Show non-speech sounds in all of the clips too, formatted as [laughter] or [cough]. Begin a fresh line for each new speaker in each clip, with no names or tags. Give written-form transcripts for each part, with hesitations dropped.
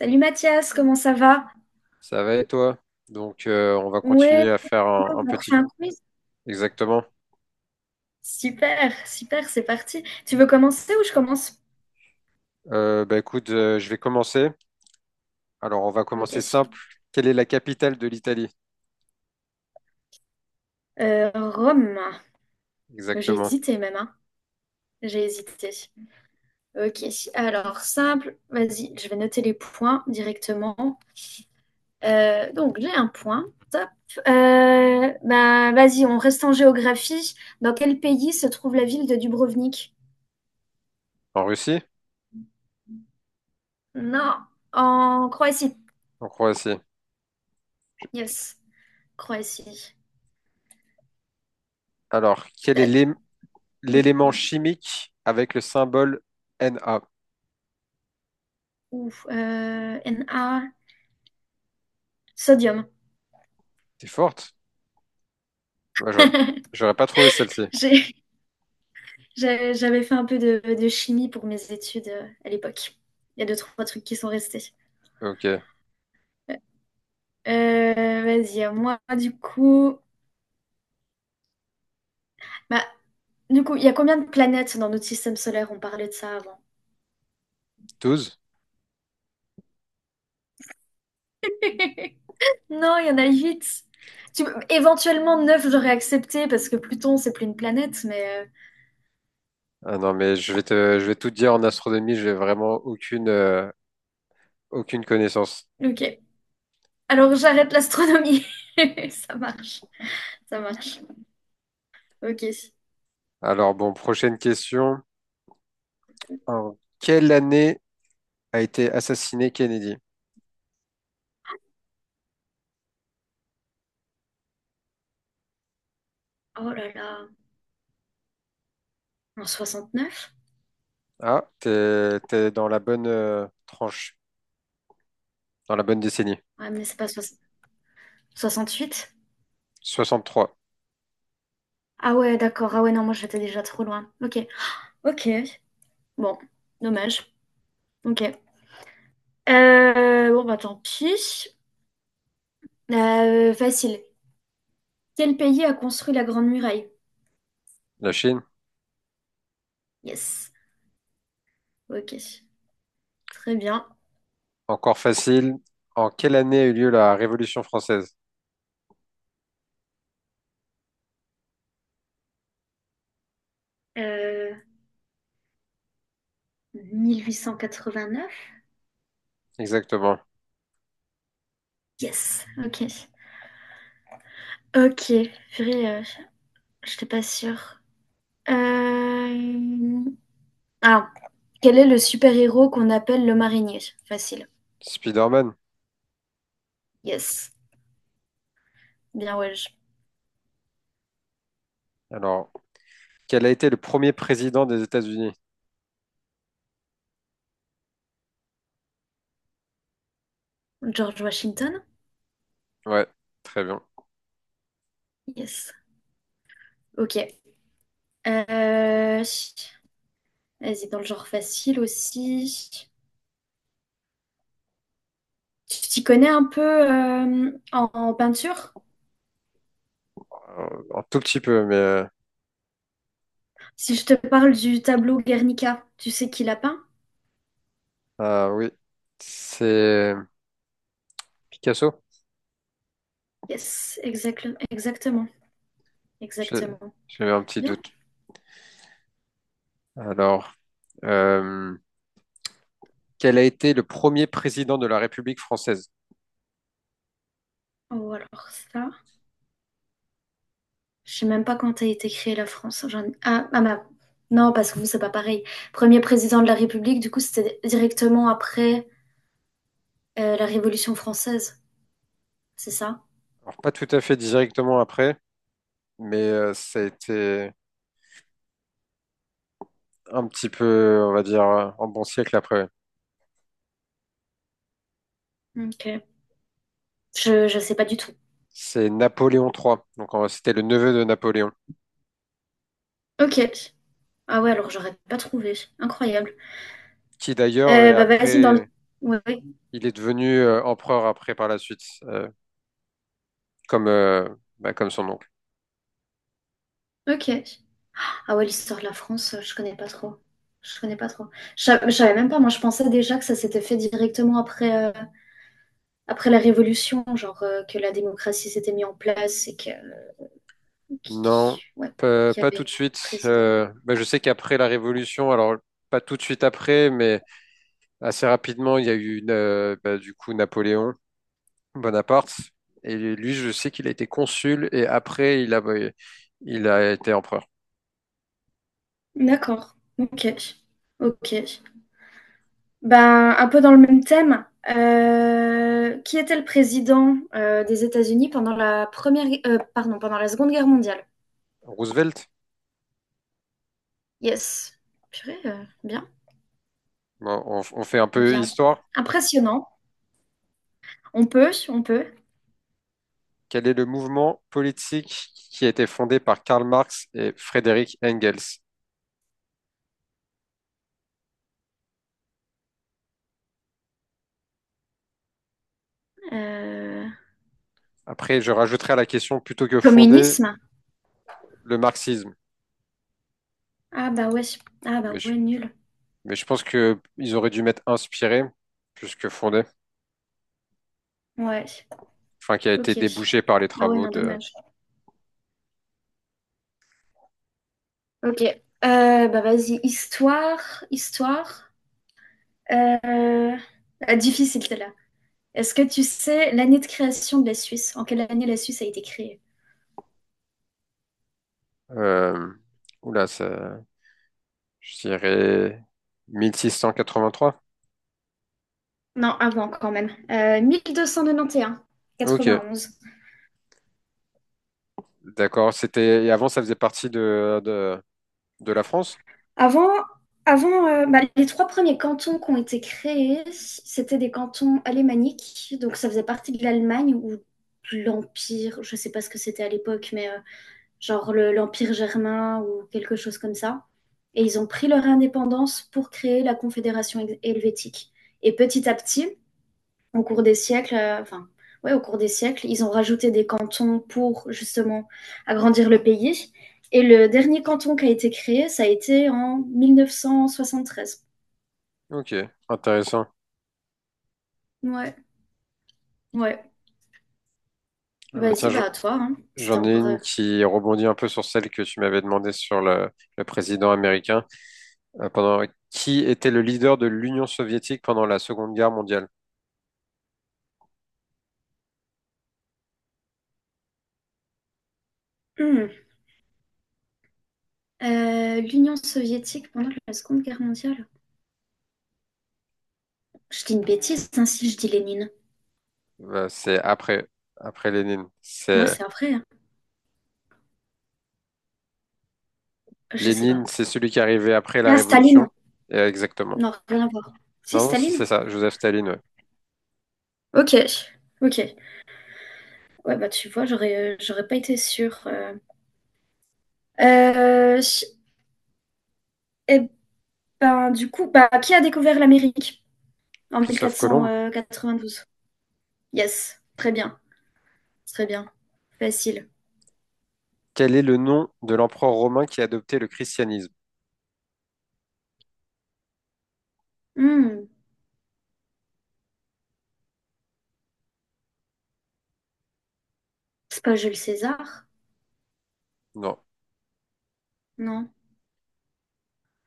Salut Mathias, comment ça va?
Ça va et toi? Donc, on va
Ouais,
continuer à faire un
on refait
petit.
un quiz.
Exactement.
Super, super, c'est parti. Tu veux commencer ou je commence?
Bah écoute, je vais commencer. Alors, on va
Ok.
commencer simple. Quelle est la capitale de l'Italie?
Rome. J'ai
Exactement.
hésité même, hein. J'ai hésité. Ok, alors simple, vas-y, je vais noter les points directement. Donc j'ai un point, top. Bah, vas-y, on reste en géographie. Dans quel pays se trouve la ville de Dubrovnik?
En Russie?
Non, en Croatie.
En Croatie.
Yes, Croatie.
Alors, quel est
Peut-être- Oui.
l'élément chimique avec le symbole Na?
Ou Na, sodium.
T'es forte? Moi, j'aurais, j'aurais pas trouvé celle-ci.
[laughs] J'ai- J'avais fait un peu de chimie pour mes études à l'époque. Il y a deux, trois trucs qui sont restés.
Ok.
Vas-y, à moi, du coup. Bah, du coup, il y a combien de planètes dans notre système solaire? On parlait de ça avant.
Douze.
[laughs] Non, il y en a huit. Tu- Éventuellement neuf, j'aurais accepté parce que Pluton, c'est plus une planète, mais
Ah non, mais je vais tout te dire en astronomie, j'ai vraiment aucune, aucune connaissance.
ok. Alors j'arrête l'astronomie. [laughs] Ça marche, ça marche. Ok.
Alors, bon, prochaine question. En quelle année a été assassiné Kennedy.
Oh là là, en soixante neuf.
Ah, t'es dans la bonne tranche, dans la bonne décennie.
Ouais, mais c'est pas soix- huit.
63.
Ah ouais, d'accord. Ah ouais, non, moi j'étais déjà trop loin. Ok. Ok. Bon, dommage. Ok. Bon, bah tant pis. Facile. Quel pays a construit la Grande Muraille?
La Chine,
Yes. Ok. Très bien.
encore facile. En quelle année a eu lieu la Révolution française?
Euh, 1889?
Exactement.
Yes. Ok. Ok. Purée, j'étais pas sûre. Euh... Ah. Quel est le super-héros qu'on appelle le marinier? Facile.
Spider-Man.
Yes. Bien, ouais.
Alors, quel a été le premier président des États-Unis?
George Washington?
Ouais, très bien.
Yes. Ok. Euh, Vas-y, dans le genre facile aussi. Tu t'y connais un peu en, en peinture?
Euh, Un tout petit peu, mais
Si je te parle du tableau Guernica, tu sais qui l'a peint?
ah oui, c'est Picasso.
Yes, exactement, exactement,
J'ai
exactement.
j'ai eu un petit
Bien.
doute. Alors, euh, quel a été le premier président de la République française?
Oh, alors ça, je sais même pas quand a été créée la France. J'en- Ah, ah bah, non, parce que vous, c'est pas pareil. Premier président de la République, du coup, c'était directement après la Révolution française, c'est ça?
Alors, pas tout à fait directement après, mais ça a été un petit peu, on va dire, un bon siècle après, ouais.
Ok. Je sais pas du tout.
C'est Napoléon III, donc c'était le neveu de Napoléon,
Ok. Ah ouais, alors j'aurais pas trouvé. Incroyable.
qui d'ailleurs, est
Bah vas-y dans le.
après,
Ouais. Ouais.
il est devenu empereur après par la suite, comme, bah, comme son oncle.
Ok. Ah ouais, l'histoire de la France, je connais pas trop. Je connais pas trop. Je sa- je savais même pas. Moi, je pensais déjà que ça s'était fait directement après, après la Révolution, genre que la démocratie s'était mise en place et que,
Non,
qui- ouais, qu'il y
pas tout de
avait un
suite.
président.
Je sais qu'après la Révolution, alors pas tout de suite après, mais assez rapidement, il y a eu du coup Napoléon. Bonaparte. Et lui, je sais qu'il a été consul et après, il a été empereur.
D'accord. Ok. Ok. Ben, un peu dans le même thème, qui était le président des États-Unis pendant la première, gue- pardon, pendant la Seconde Guerre mondiale?
Roosevelt.
Yes. Purée, bien,
Bon, on fait un peu
bien.
histoire.
Impressionnant. On peut, on peut.
Quel est le mouvement politique qui a été fondé par Karl Marx et Frédéric Engels?
Euh,
Après, je rajouterai à la question plutôt que fondé
communisme?
le marxisme.
Ah bah ouais, ah
Mais
bah
je,
ouais, nul.
mais je pense que ils auraient dû mettre inspiré plus que fondé.
Ouais,
Enfin, qui a été
ok.
débouché par les
Ah ouais,
travaux
non,
de...
dommage. Ok. Bah vas-y, histoire, histoire. Euh, ah, difficile, celle-là. Est-ce que tu sais l'année de création de la Suisse? En quelle année la Suisse a été créée?
Euh, oula, ça, je dirais 1683.
Non, avant quand même.
Ok.
Vingt onze.
D'accord. C'était, et avant, ça faisait partie de la France?
Avant, avant bah, les trois premiers cantons qui ont été créés, c'était des cantons alémaniques, donc ça faisait partie de l'Allemagne ou de l'Empire, je ne sais pas ce que c'était à l'époque, mais genre le- l'Empire germain ou quelque chose comme ça. Et ils ont pris leur indépendance pour créer la Confédération hel- helvétique. Et petit à petit, au cours des siècles, enfin, ouais, au cours des siècles, ils ont rajouté des cantons pour justement agrandir le pays. Et le dernier canton qui a été créé, ça a été en 1973.
Ok, intéressant.
Ouais, ouais.
Ah bah tiens,
Vas-y,
je-
bah à toi, hein. C'était
j'en ai
encore.
une qui rebondit un peu sur celle que tu m'avais demandé sur le président américain. Pendant... Qui était le leader de l'Union soviétique pendant la Seconde Guerre mondiale?
Hmm. L'Union soviétique pendant la Seconde Guerre mondiale. Je dis une bêtise, hein, si je dis Lénine.
C'est après, après Lénine.
Moi,
C'est
c'est un vrai. Hein. Je sais
Lénine,
pas.
c'est celui qui est arrivé après la
Ah,
Révolution.
Staline.
Et exactement.
Non, rien à voir. Si,
Non, si c'est
Staline?
ça, Joseph Staline, ouais.
Ok, ok. Ouais, bah tu vois, j'aurais, j'aurais pas été sûre. Euh, et ben, du coup, bah, qui a découvert l'Amérique en mille quatre
Christophe
quatre-vingt-douze?
Colomb.
Cent quatre-vingt-douze? Yes, très bien, facile.
Quel est le nom de l'empereur romain qui a adopté le christianisme?
Hmm, c'est pas Jules César?
Non,
Non.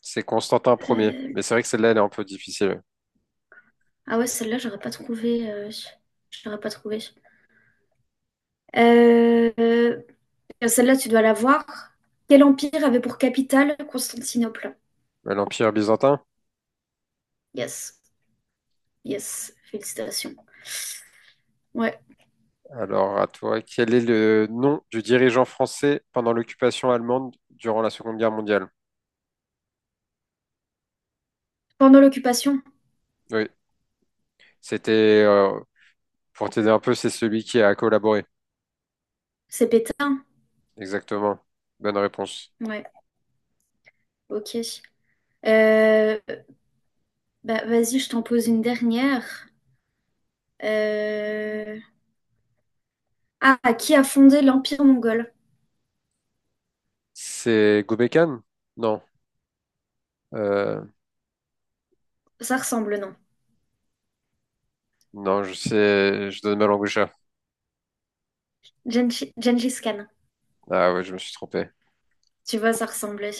c'est Constantin Ier.
Euh,
Mais c'est vrai que celle-là, elle est un peu difficile.
ah ouais, celle-là, j'aurais pas trouvé. J'aurais pas trouvé. Euh, euh, Celle-là, tu dois la voir. Quel empire avait pour capitale Constantinople?
Ouais, l'Empire byzantin?
Yes, yes, félicitations. Ouais.
Alors, à toi, quel est le nom du dirigeant français pendant l'occupation allemande durant la Seconde Guerre mondiale?
Pendant l'occupation,
Oui, c'était, pour t'aider un peu, c'est celui qui a collaboré.
c'est Pétain.
Exactement. Bonne réponse.
Ouais, ok. Euh, Bah, vas-y, je t'en pose une dernière. Euh, Ah, qui a fondé l'Empire mongol?
C'est Gobekhan? Non. Euh,
Ça ressemble, non?
non, je sais, je donne ma langue au chat.
Genghis Gengis Khan.
Ah ouais, je me suis trompé.
Tu vois, ça ressemblait.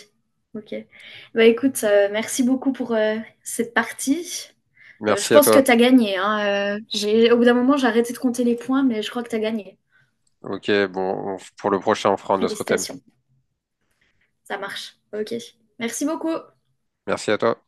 Ok. Bah écoute, merci beaucoup pour cette partie. Je
Merci à
pense que
toi.
t'as gagné, hein. J'ai... Au bout d'un moment, j'ai arrêté de compter les points, mais je crois que t'as gagné.
Ok, bon, pour le prochain, on fera un autre thème.
Félicitations. Ça marche. Ok. Merci beaucoup.
Merci à toi.